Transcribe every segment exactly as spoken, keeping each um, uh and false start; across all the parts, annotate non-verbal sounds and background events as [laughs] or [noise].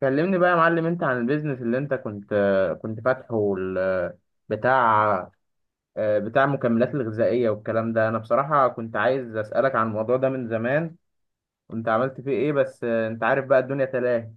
كلمني بقى يا معلم، انت عن البيزنس اللي انت كنت كنت فاتحه وال- بتاع آه، بتاع المكملات الغذائية والكلام ده. انا بصراحة كنت عايز اسألك عن الموضوع ده من زمان، وانت عملت فيه ايه؟ بس انت عارف بقى، الدنيا تلاهي.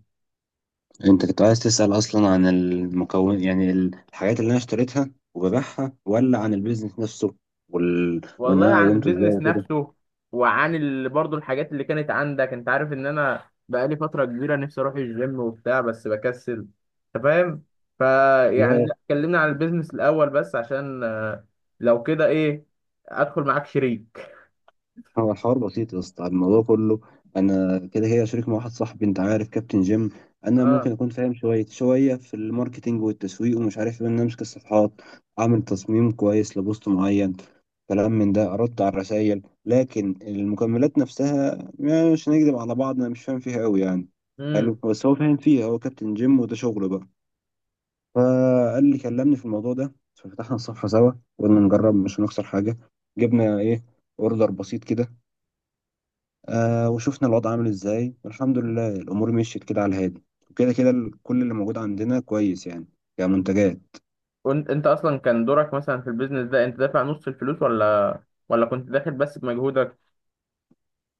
انت كنت عايز تسأل اصلا عن المكون، يعني ال- الحاجات اللي انا اشتريتها وببيعها، ولا عن البيزنس نفسه وال... وان والله انا عن قومته ازاي البيزنس وكده. نفسه، وعن ال... برضو الحاجات اللي كانت عندك. انت عارف ان انا بقالي فترة كبيرة نفسي اروح الجيم وبتاع بس بكسل، انت فاهم؟ فيعني لا، لا، كلمنا عن البيزنس الاول بس عشان آه، لو كده ايه، ادخل معاك شريك. هو الحوار بسيط يا اسطى. الموضوع كله انا كده كده شريك مع واحد صاحبي، انت عارف كابتن جيم. انا اه. ممكن اكون فاهم شويه شويه في الماركتينج والتسويق ومش عارف ايه، ان انا امسك الصفحات، اعمل تصميم كويس لبوست معين، كلام من ده، ارد على الرسائل. لكن المكملات نفسها يعني مش هنكذب على بعض، انا مش فاهم فيها قوي يعني. حلو، امم بس هو فاهم فيها، هو كابتن جيم وده شغله بقى. فقال لي كلمني في الموضوع ده، ففتحنا الصفحه سوا. قلنا نجرب، مش هنخسر حاجه. جبنا ايه، اوردر بسيط كده. آه، وشفنا الوضع عامل ازاي، والحمد لله الامور مشيت كده على الهادي. وكده كده ال- كل اللي موجود عندنا كويس، يعني كمنتجات. وانت انت اصلا كان دورك مثلا في البيزنس ده، انت دافع نص الفلوس ولا ولا كنت داخل بس بمجهودك؟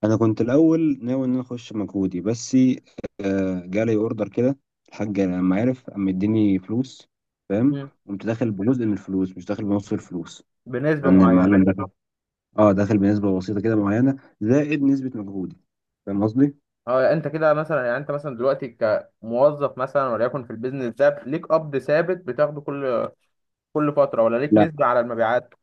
انا كنت الاول ناوي ان انا اخش مجهودي بس. آه، جالي اوردر كده، الحاج لما عرف قام مديني فلوس، فاهم؟ مم. قمت داخل بجزء من الفلوس، مش داخل بنص الفلوس. بنسبة لان معينة. المعلم ده، اه، داخل بنسبه بسيطه كده معينه، زائد نسبه مجهودي. فاهم قصدي؟ اه، انت كده مثلا يعني، انت مثلا دلوقتي كموظف مثلا وليكن في البيزنس ده، ليك قبض ثابت بتاخده كل كل فترة ولا ليك نسبة على المبيعات؟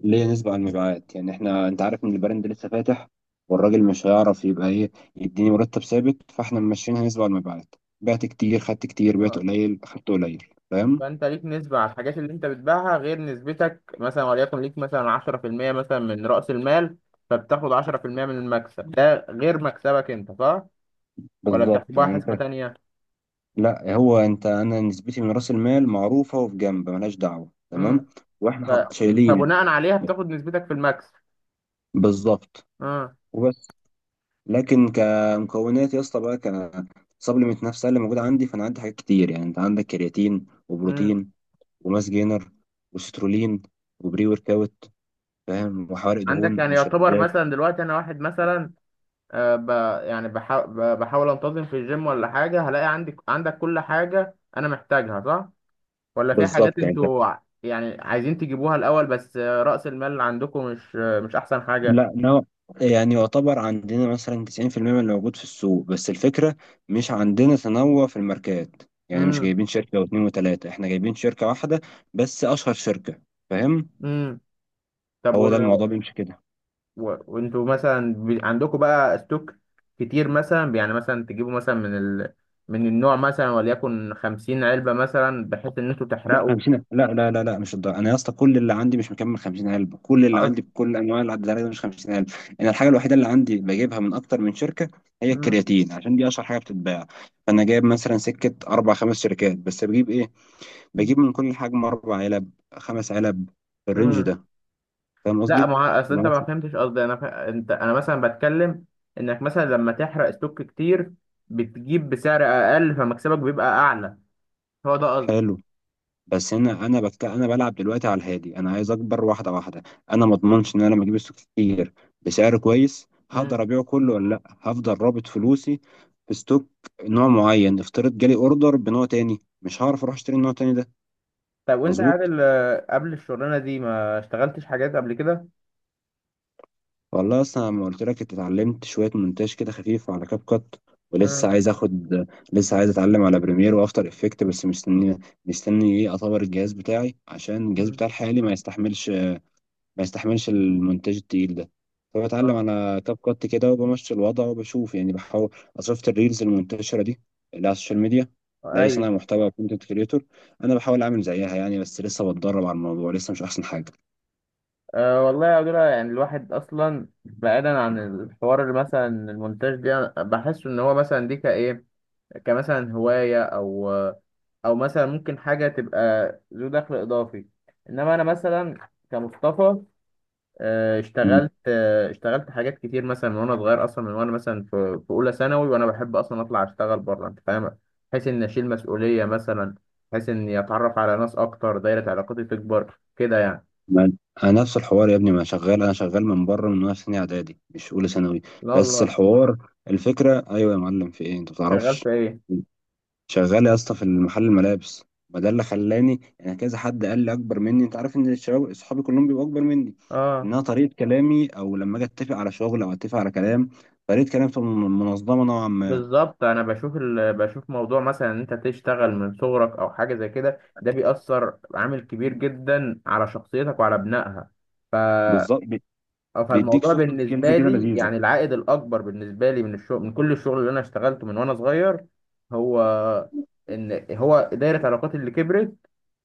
ليه نسبة على المبيعات؟ يعني احنا انت عارف ان البراند لسه فاتح، والراجل مش هيعرف يبقى ايه، يديني مرتب ثابت. فاحنا ماشيينها نسبة على المبيعات. بعت كتير خدت كتير، بعت اه، قليل خدت قليل. فاهم؟ فانت ليك نسبة على الحاجات اللي انت بتبيعها، غير نسبتك مثلا وليكن ليك مثلا عشرة في المية مثلا من رأس المال، فبتاخد عشرة في المية من المكسب ده غير مكسبك انت، صح؟ ولا بالظبط بتحسبها يعني انت. حسبة تانية؟ لا، هو انت، انا نسبتي من راس المال معروفة وفي جنب ملهاش دعوة، تمام. واحنا ف... حط شايلين. فبناء عليها بتاخد نسبتك في المكسب. بالظبط. اه. وبس. لكن كمكونات يا اسطى بقى، ك سبلمنت نفسها اللي موجوده عندي، فانا عندي حاجات كتير، يعني انت عندك كرياتين امم وبروتين وماس جينر وسترولين وبري ورك اوت، فاهم، وحوارق عندك دهون يعني يعتبر ومشددات. مثلا دلوقتي انا واحد مثلا، آه ب... يعني بحا... ب- بحاول انتظم في الجيم ولا حاجه، هلاقي عندك عندك كل حاجه انا محتاجها صح؟ ولا في حاجات بالظبط يعني انت. انتوا ع- يعني عايزين تجيبوها الاول بس آه، رأس المال اللي عندكم مش آه، مش احسن حاجه؟ لا، نوع، يعني يعتبر عندنا مثلا تسعين بالمية من اللي موجود في السوق، بس الفكرة مش عندنا تنوع في الماركات، يعني مش امم جايبين شركة أو اتنين وتلاتة، احنا جايبين شركة واحدة، بس أشهر شركة. فاهم؟ امم طب، هو ده الموضوع بيمشي كده. و- وانتوا مثلا بي- عندكم بقى ستوك كتير، مثلا يعني مثلا تجيبوا مثلا من ال... من النوع مثلا وليكن خمسين علبة، مثلا بحيث ان انتوا لا، تحرقوا. خمسين، لا، لا، لا، لا، مش الدرجة. انا يا اسطى كل اللي عندي، مش مكمل خمسين الف علبه. كل اللي عندي أص... بكل انواع الادويه ده، مش خمسين الف. انا الحاجه الوحيده اللي عندي بجيبها من اكتر من شركه هي مم. الكرياتين، عشان دي اشهر حاجه بتتباع. فانا جايب مثلا سكه اربع خمس شركات، بس بجيب ايه، بجيب من كل حجم اربع علب، خمس علب، في الرينج مم. ده. فاهم لا، قصدي؟ ما هو- اصل انت ما ومثلا- فهمتش قصدي. انا ف... انت، انا مثلا بتكلم انك مثلا لما تحرق ستوك كتير، بتجيب بسعر اقل فمكسبك بيبقى اعلى، هو ده قصدي. حلو. بس انا انا بتك... انا بلعب دلوقتي على الهادي. انا عايز اكبر واحده واحده. انا ما اضمنش ان انا لما اجيب ستوك كتير بسعر كويس هقدر مم. ابيعه كله، ولا لا هفضل رابط فلوسي في ستوك نوع معين. افترض جالي اوردر بنوع تاني، مش هعرف اروح اشتري النوع التاني ده. طب وانت يا مظبوط. عادل، آه، قبل الشغلانة دي ما اشتغلتش حاجات قبل كده؟ والله اصلا لما قلت لك، انت اتعلمت شويه مونتاج كده خفيف على كاب كات، ولسه مم. عايز اخد. لسه عايز اتعلم على بريمير وافتر افكت، بس مستني مستني ايه؟ اطور الجهاز بتاعي، عشان الجهاز مم. بتاعي الحالي ما يستحملش ما يستحملش المونتاج التقيل ده. فبتعلم اه. على كاب كات كده وبمشي الوضع وبشوف، يعني بحاول. أنا شفت الريلز المنتشرة دي اللي على السوشيال ميديا لأي ايوه. صانع محتوى كونتنت كريتور، أنا بحاول أعمل زيها يعني، بس لسه بتدرب على الموضوع، لسه مش أحسن حاجة. أه والله يا عبدالله، يعني الواحد أصلا بعيدا عن الحوار اللي مثلا المونتاج ده، أنا بحس إن هو مثلا دي كإيه، كمثلا هواية أو أو مثلا ممكن حاجة تبقى ذو دخل إضافي. إنما أنا مثلا كمصطفى، أه، مم. اشتغلت أه، اشتغلت حاجات كتير مثلا من وأنا صغير، أصلا من وأنا مثلا في في أولى ثانوي وأنا بحب أصلا أطلع أشتغل بره، أنت فاهم؟ بحيث إني أشيل مسؤولية مثلا، بحيث إني أتعرف على ناس أكتر، دايرة علاقاتي تكبر كده يعني. ما أنا نفس الحوار يا ابني، ما شغال. أنا شغال من بره من وأنا في سنة إعدادي، مش أولى ثانوي. لا بس والله. الحوار، الفكرة، أيوه يا معلم، في إيه أنت ما شغال بتعرفش؟ في إيه؟ شغال يا اسطى في المحل، الملابس. ما ده اللي خلاني، يعني كذا حد قال لي اكبر مني، انت عارف ان الشباب اصحابي كلهم بيبقوا اكبر مني، اه. انها طريقه كلامي، او لما اجي اتفق على شغل او اتفق على كلام، طريقه كلامي بتبقى من- منظمه نوعا ما. بالظبط، انا بشوف ال... بشوف موضوع مثلا ان انت تشتغل من صغرك او حاجه زي كده، ده بيأثر عامل كبير جدا على شخصيتك وعلى بنائها. ف... بالظبط، بي- بيديك فالموضوع سوفت سكيلز بالنسبه كده لي لذيذه. يعني، العائد الاكبر بالنسبه لي من الشغل، من كل الشغل اللي انا اشتغلته من وانا صغير، هو ان هو دايره علاقاتي اللي كبرت،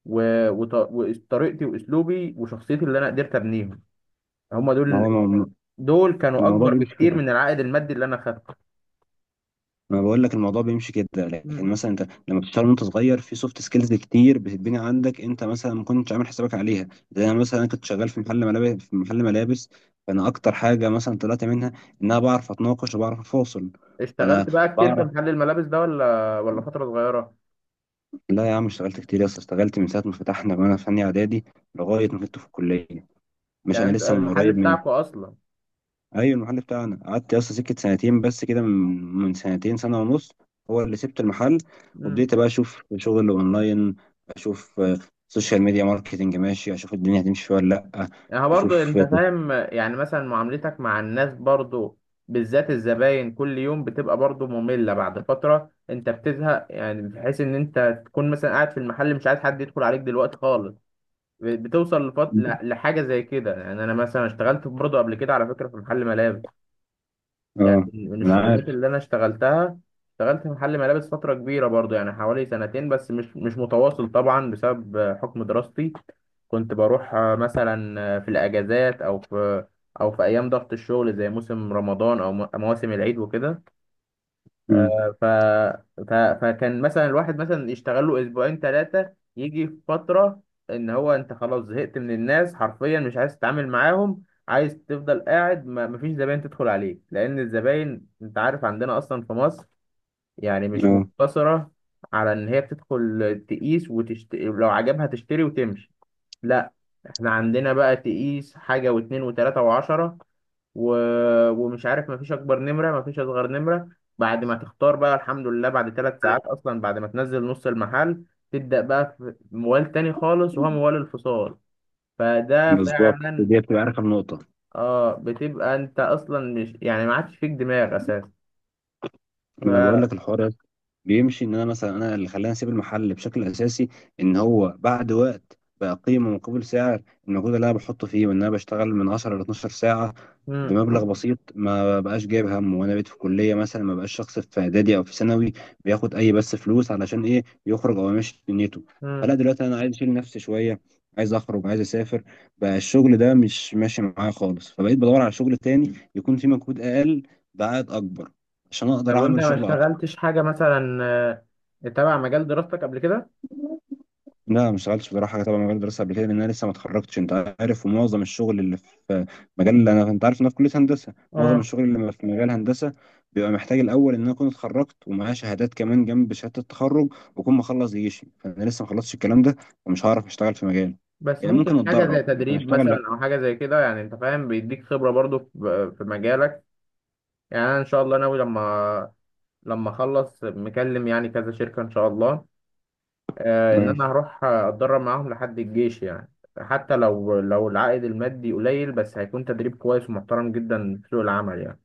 و... وط... وطريقتي واسلوبي وشخصيتي اللي انا قدرت ابنيهم، هم ما دول. هو م- دول كانوا الموضوع اكبر بيمشي بكتير كده. من العائد المادي اللي انا ما بقول لك الموضوع بيمشي كده، لكن خدته. مثلا انت لما بتشتغل وانت صغير في سوفت سكيلز كتير بتتبني عندك، انت مثلا ما كنتش عامل حسابك عليها. زي انا مثلا كنت شغال في محل ملابس في محل ملابس، فانا اكتر حاجه مثلا طلعت منها ان انا بعرف اتناقش وبعرف افاصل. فانا اشتغلت بقى كتير في بعرف. محل الملابس ده ولا ولا فترة صغيرة؟ لا يا عم، اشتغلت كتير يا اسطى، اشتغلت من ساعه ما فتحنا وانا في ثانيه اعدادي لغايه مم. ما كنت في الكليه. مش يعني انا انت لسه من المحل قريب من. بتاعكو اصلا؟ ايوه، المحل بتاعنا قعدت اصلا سكه سنتين بس كده، من من سنتين، سنه ونص، هو اللي سبت المحل. مم. وبديت بقى اشوف شغل اونلاين. اشوف آه، سوشيال ميديا ماركتنج، ماشي، اشوف الدنيا هتمشي فيها ولا لا. يعني برضو اشوف. انت فاهم يعني مثلا، معاملتك مع الناس برضو، بالذات الزباين كل يوم، بتبقى برضو مملة بعد فترة. انت بتزهق يعني، بحيث ان انت تكون مثلا قاعد في المحل مش عايز حد يدخل عليك دلوقتي خالص. بتوصل لفت... ل- لحاجة زي كده يعني. انا مثلا اشتغلت برضو قبل كده على فكرة في محل ملابس، يعني اه، من انا الشغلانات عارف. اللي انا اشتغلتها. اشتغلت في محل ملابس فتره كبيره برضو، يعني حوالي سنتين بس مش مش متواصل طبعا، بسبب آه، حكم دراستي. كنت بروح آه، مثلا آه، في الاجازات، او في او في ايام ضغط الشغل زي موسم رمضان او م- مواسم العيد وكده. امم. آه، ف... ف... فكان مثلا الواحد مثلا يشتغل له اسبوعين ثلاثه، يجي في فتره ان هو، انت خلاص زهقت من الناس حرفيا، مش عايز تتعامل معاهم، عايز تفضل قاعد ما مفيش زباين تدخل عليك. لان الزباين انت عارف عندنا اصلا في مصر، يعني مش اه، مقتصره على ان هي بتدخل تقيس وتشت... لو عجبها تشتري وتمشي. لا، احنا عندنا بقى تقيس حاجة واتنين وتلاتة وعشرة، و... ومش عارف، مفيش اكبر نمره مفيش اصغر نمره. بعد ما تختار بقى، الحمد لله، بعد ثلاث ساعات اصلا، بعد ما تنزل نص المحل، تبدا بقى في موال تاني خالص وهو موال الفصال. فده بالظبط، فعلا، دي بتبقى، عارف، النقطه. اه، بتبقى انت اصلا مش يعني، ما عادش فيك دماغ اساسا. ف ما انا بقول لك الحوار ده بيمشي. ان انا مثلا، انا اللي خلاني اسيب المحل بشكل اساسي، ان هو بعد وقت بقى قيمه مقابل سعر، المجهود اللي انا بحطه فيه، وان انا بشتغل من عشر ل اتناشر ساعه مم. بمبلغ بسيط، ما بقاش جايب هم. وانا بقيت في كليه مثلا، ما بقاش شخص في اعدادي او في ثانوي بياخد اي بس فلوس علشان ايه، يخرج او يمشي دنيته. مم. فلا، دلوقتي انا عايز اشيل نفسي شويه، عايز اخرج، عايز اسافر، بقى الشغل ده مش ماشي معايا خالص. فبقيت بدور على شغل تاني يكون فيه مجهود اقل بعائد اكبر، عشان طب اقدر وانت اعمل ما شغل اكتر. اشتغلتش حاجه مثلا آه، تبع مجال دراستك قبل كده؟ لا، ما اشتغلتش بصراحه تبع مجال الدراسه قبل كده، لان انا لسه ما اتخرجتش انت عارف. ومعظم الشغل اللي في مجال، اللي انا، انت عارف ان انا في كليه هندسه، معظم اه. الشغل اللي في مجال هندسه بيبقى محتاج الاول ان انا اكون اتخرجت ومعايا شهادات كمان جنب شهاده التخرج، واكون مخلص جيشي، فانا لسه ما خلصتش الكلام ده، ومش هعرف اشتغل في مجال. بس يعني ممكن ممكن حاجه زي اتدرب لكن تدريب اشتغل، مثلا او حاجه زي كده يعني، انت فاهم، بيديك خبره برضو في في مجالك. يعني انا ان شاء الله ناوي لما لما اخلص، مكلم يعني كذا شركه ان شاء الله، آه ان لا. انا هروح اتدرب معاهم لحد الجيش يعني. حتى لو لو العائد المادي قليل، بس هيكون تدريب كويس ومحترم جدا في سوق العمل يعني.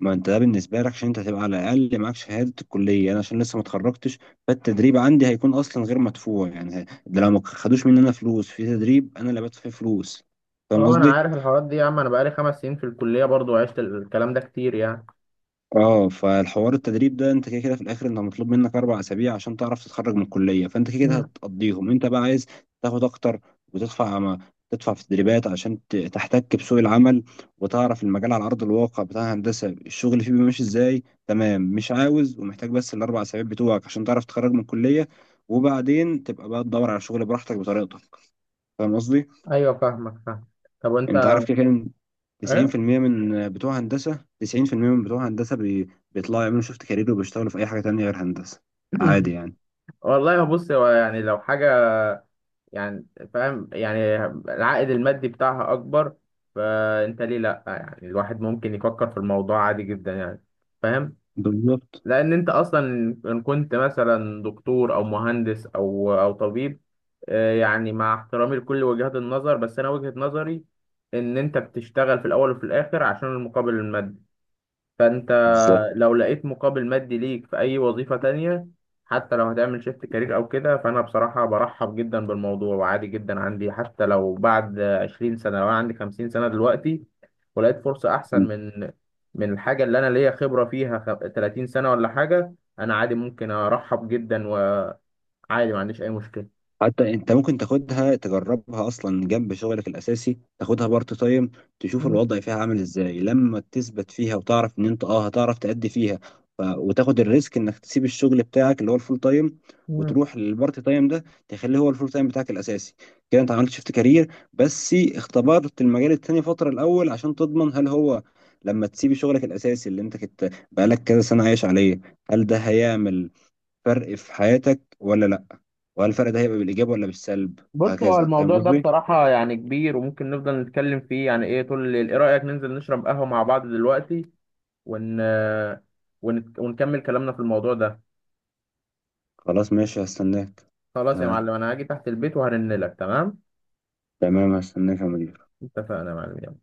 ما انت ده بالنسبه لك، عشان انت هتبقى على الاقل معاك شهاده الكليه. انا عشان لسه ما اتخرجتش، فالتدريب عندي هيكون اصلا غير مدفوع، يعني ه- ده لو ما خدوش مننا فلوس في تدريب، انا اللي بدفع فيه فلوس. فاهم اه، انا قصدي؟ عارف الحوارات دي يا عم، انا بقالي خمس سنين في الكليه برضو، عشت الكلام ده كتير يعني. اه، فالحوار التدريب ده، انت كده كده في الاخر انت مطلوب منك اربع اسابيع عشان تعرف تتخرج من الكليه، فانت كده كده مم. هتقضيهم. انت بقى عايز تاخد اكتر، وتدفع، ما تدفع في التدريبات عشان ت- تحتك بسوق العمل، وتعرف المجال على ارض الواقع بتاع الهندسه، الشغل فيه بيمشي ازاي. تمام، مش عاوز ومحتاج بس الاربع اسابيع بتوعك عشان تعرف تتخرج من الكليه، وبعدين تبقى بقى تدور على شغل براحتك بطريقتك. فاهم قصدي؟ ايوه فاهمك، فاهم. طب وانت انت عارف كده كده، ايه؟ تسعين بالمية من بتوع هندسة تسعين بالمية من بتوع هندسة بي... بيطلعوا يعملوا شيفت كارير، وبيشتغلوا في أي حاجة تانية غير هندسة، [coughs] عادي [laughs] يعني. والله بص، هو يعني لو حاجه، يعني فاهم يعني، العائد المادي بتاعها اكبر، فانت ليه لا يعني، الواحد ممكن يفكر في الموضوع عادي جدا يعني، فاهم؟ بالظبط. لان انت اصلا ان كنت مثلا دكتور او مهندس او او طبيب، آه، يعني مع احترامي لكل وجهات النظر، بس انا وجهة نظري ان انت بتشتغل في الاول وفي الاخر عشان المقابل المادي. فانت بالظبط. لو لقيت مقابل مادي ليك في أي وظيفة تانية، حتى لو هتعمل شيفت كارير أو كده، فأنا بصراحة برحب جدا بالموضوع، وعادي جدا عندي حتى لو بعد عشرين سنة وأنا عندي خمسين سنة دلوقتي، ولقيت فرصة أحسن من من الحاجة اللي أنا ليا خبرة فيها خ- تلاتين سنة ولا حاجة، أنا عادي، ممكن أرحب جدا وعادي، ما عنديش أي مشكلة. حتى انت ممكن تاخدها تجربها اصلا جنب شغلك الاساسي، تاخدها بارت تايم، تشوف مم. الوضع فيها عامل ازاي، لما تثبت فيها وتعرف ان انت اه هتعرف تأدي فيها. ف... وتاخد الريسك انك تسيب الشغل بتاعك اللي هو الفول تايم، مم. وتروح للبارت تايم ده تخليه هو الفول تايم بتاعك الاساسي. كده انت عملت شيفت كارير، بس اختبرت المجال التاني فترة الاول عشان تضمن هل هو لما تسيب شغلك الاساسي اللي انت كنت بقالك كذا سنة عايش عليه، هل ده هيعمل فرق في حياتك ولا لأ، وهل الفرق ده هيبقى بالإيجاب ولا بالسلب، بص، هو وهكذا. فاهم الموضوع ده قصدي؟ بصراحة يعني كبير وممكن نفضل نتكلم فيه يعني إيه طول الليل. إيه رأيك ننزل نشرب قهوة مع بعض دلوقتي ون... ون... ونكمل كلامنا في الموضوع ده؟ خلاص، ماشي، هستناك. خلاص يا تعال. معلم، انا هاجي تحت البيت وهرن لك، تمام؟ تمام، هستناك يا مدير. اتفقنا يا معلم.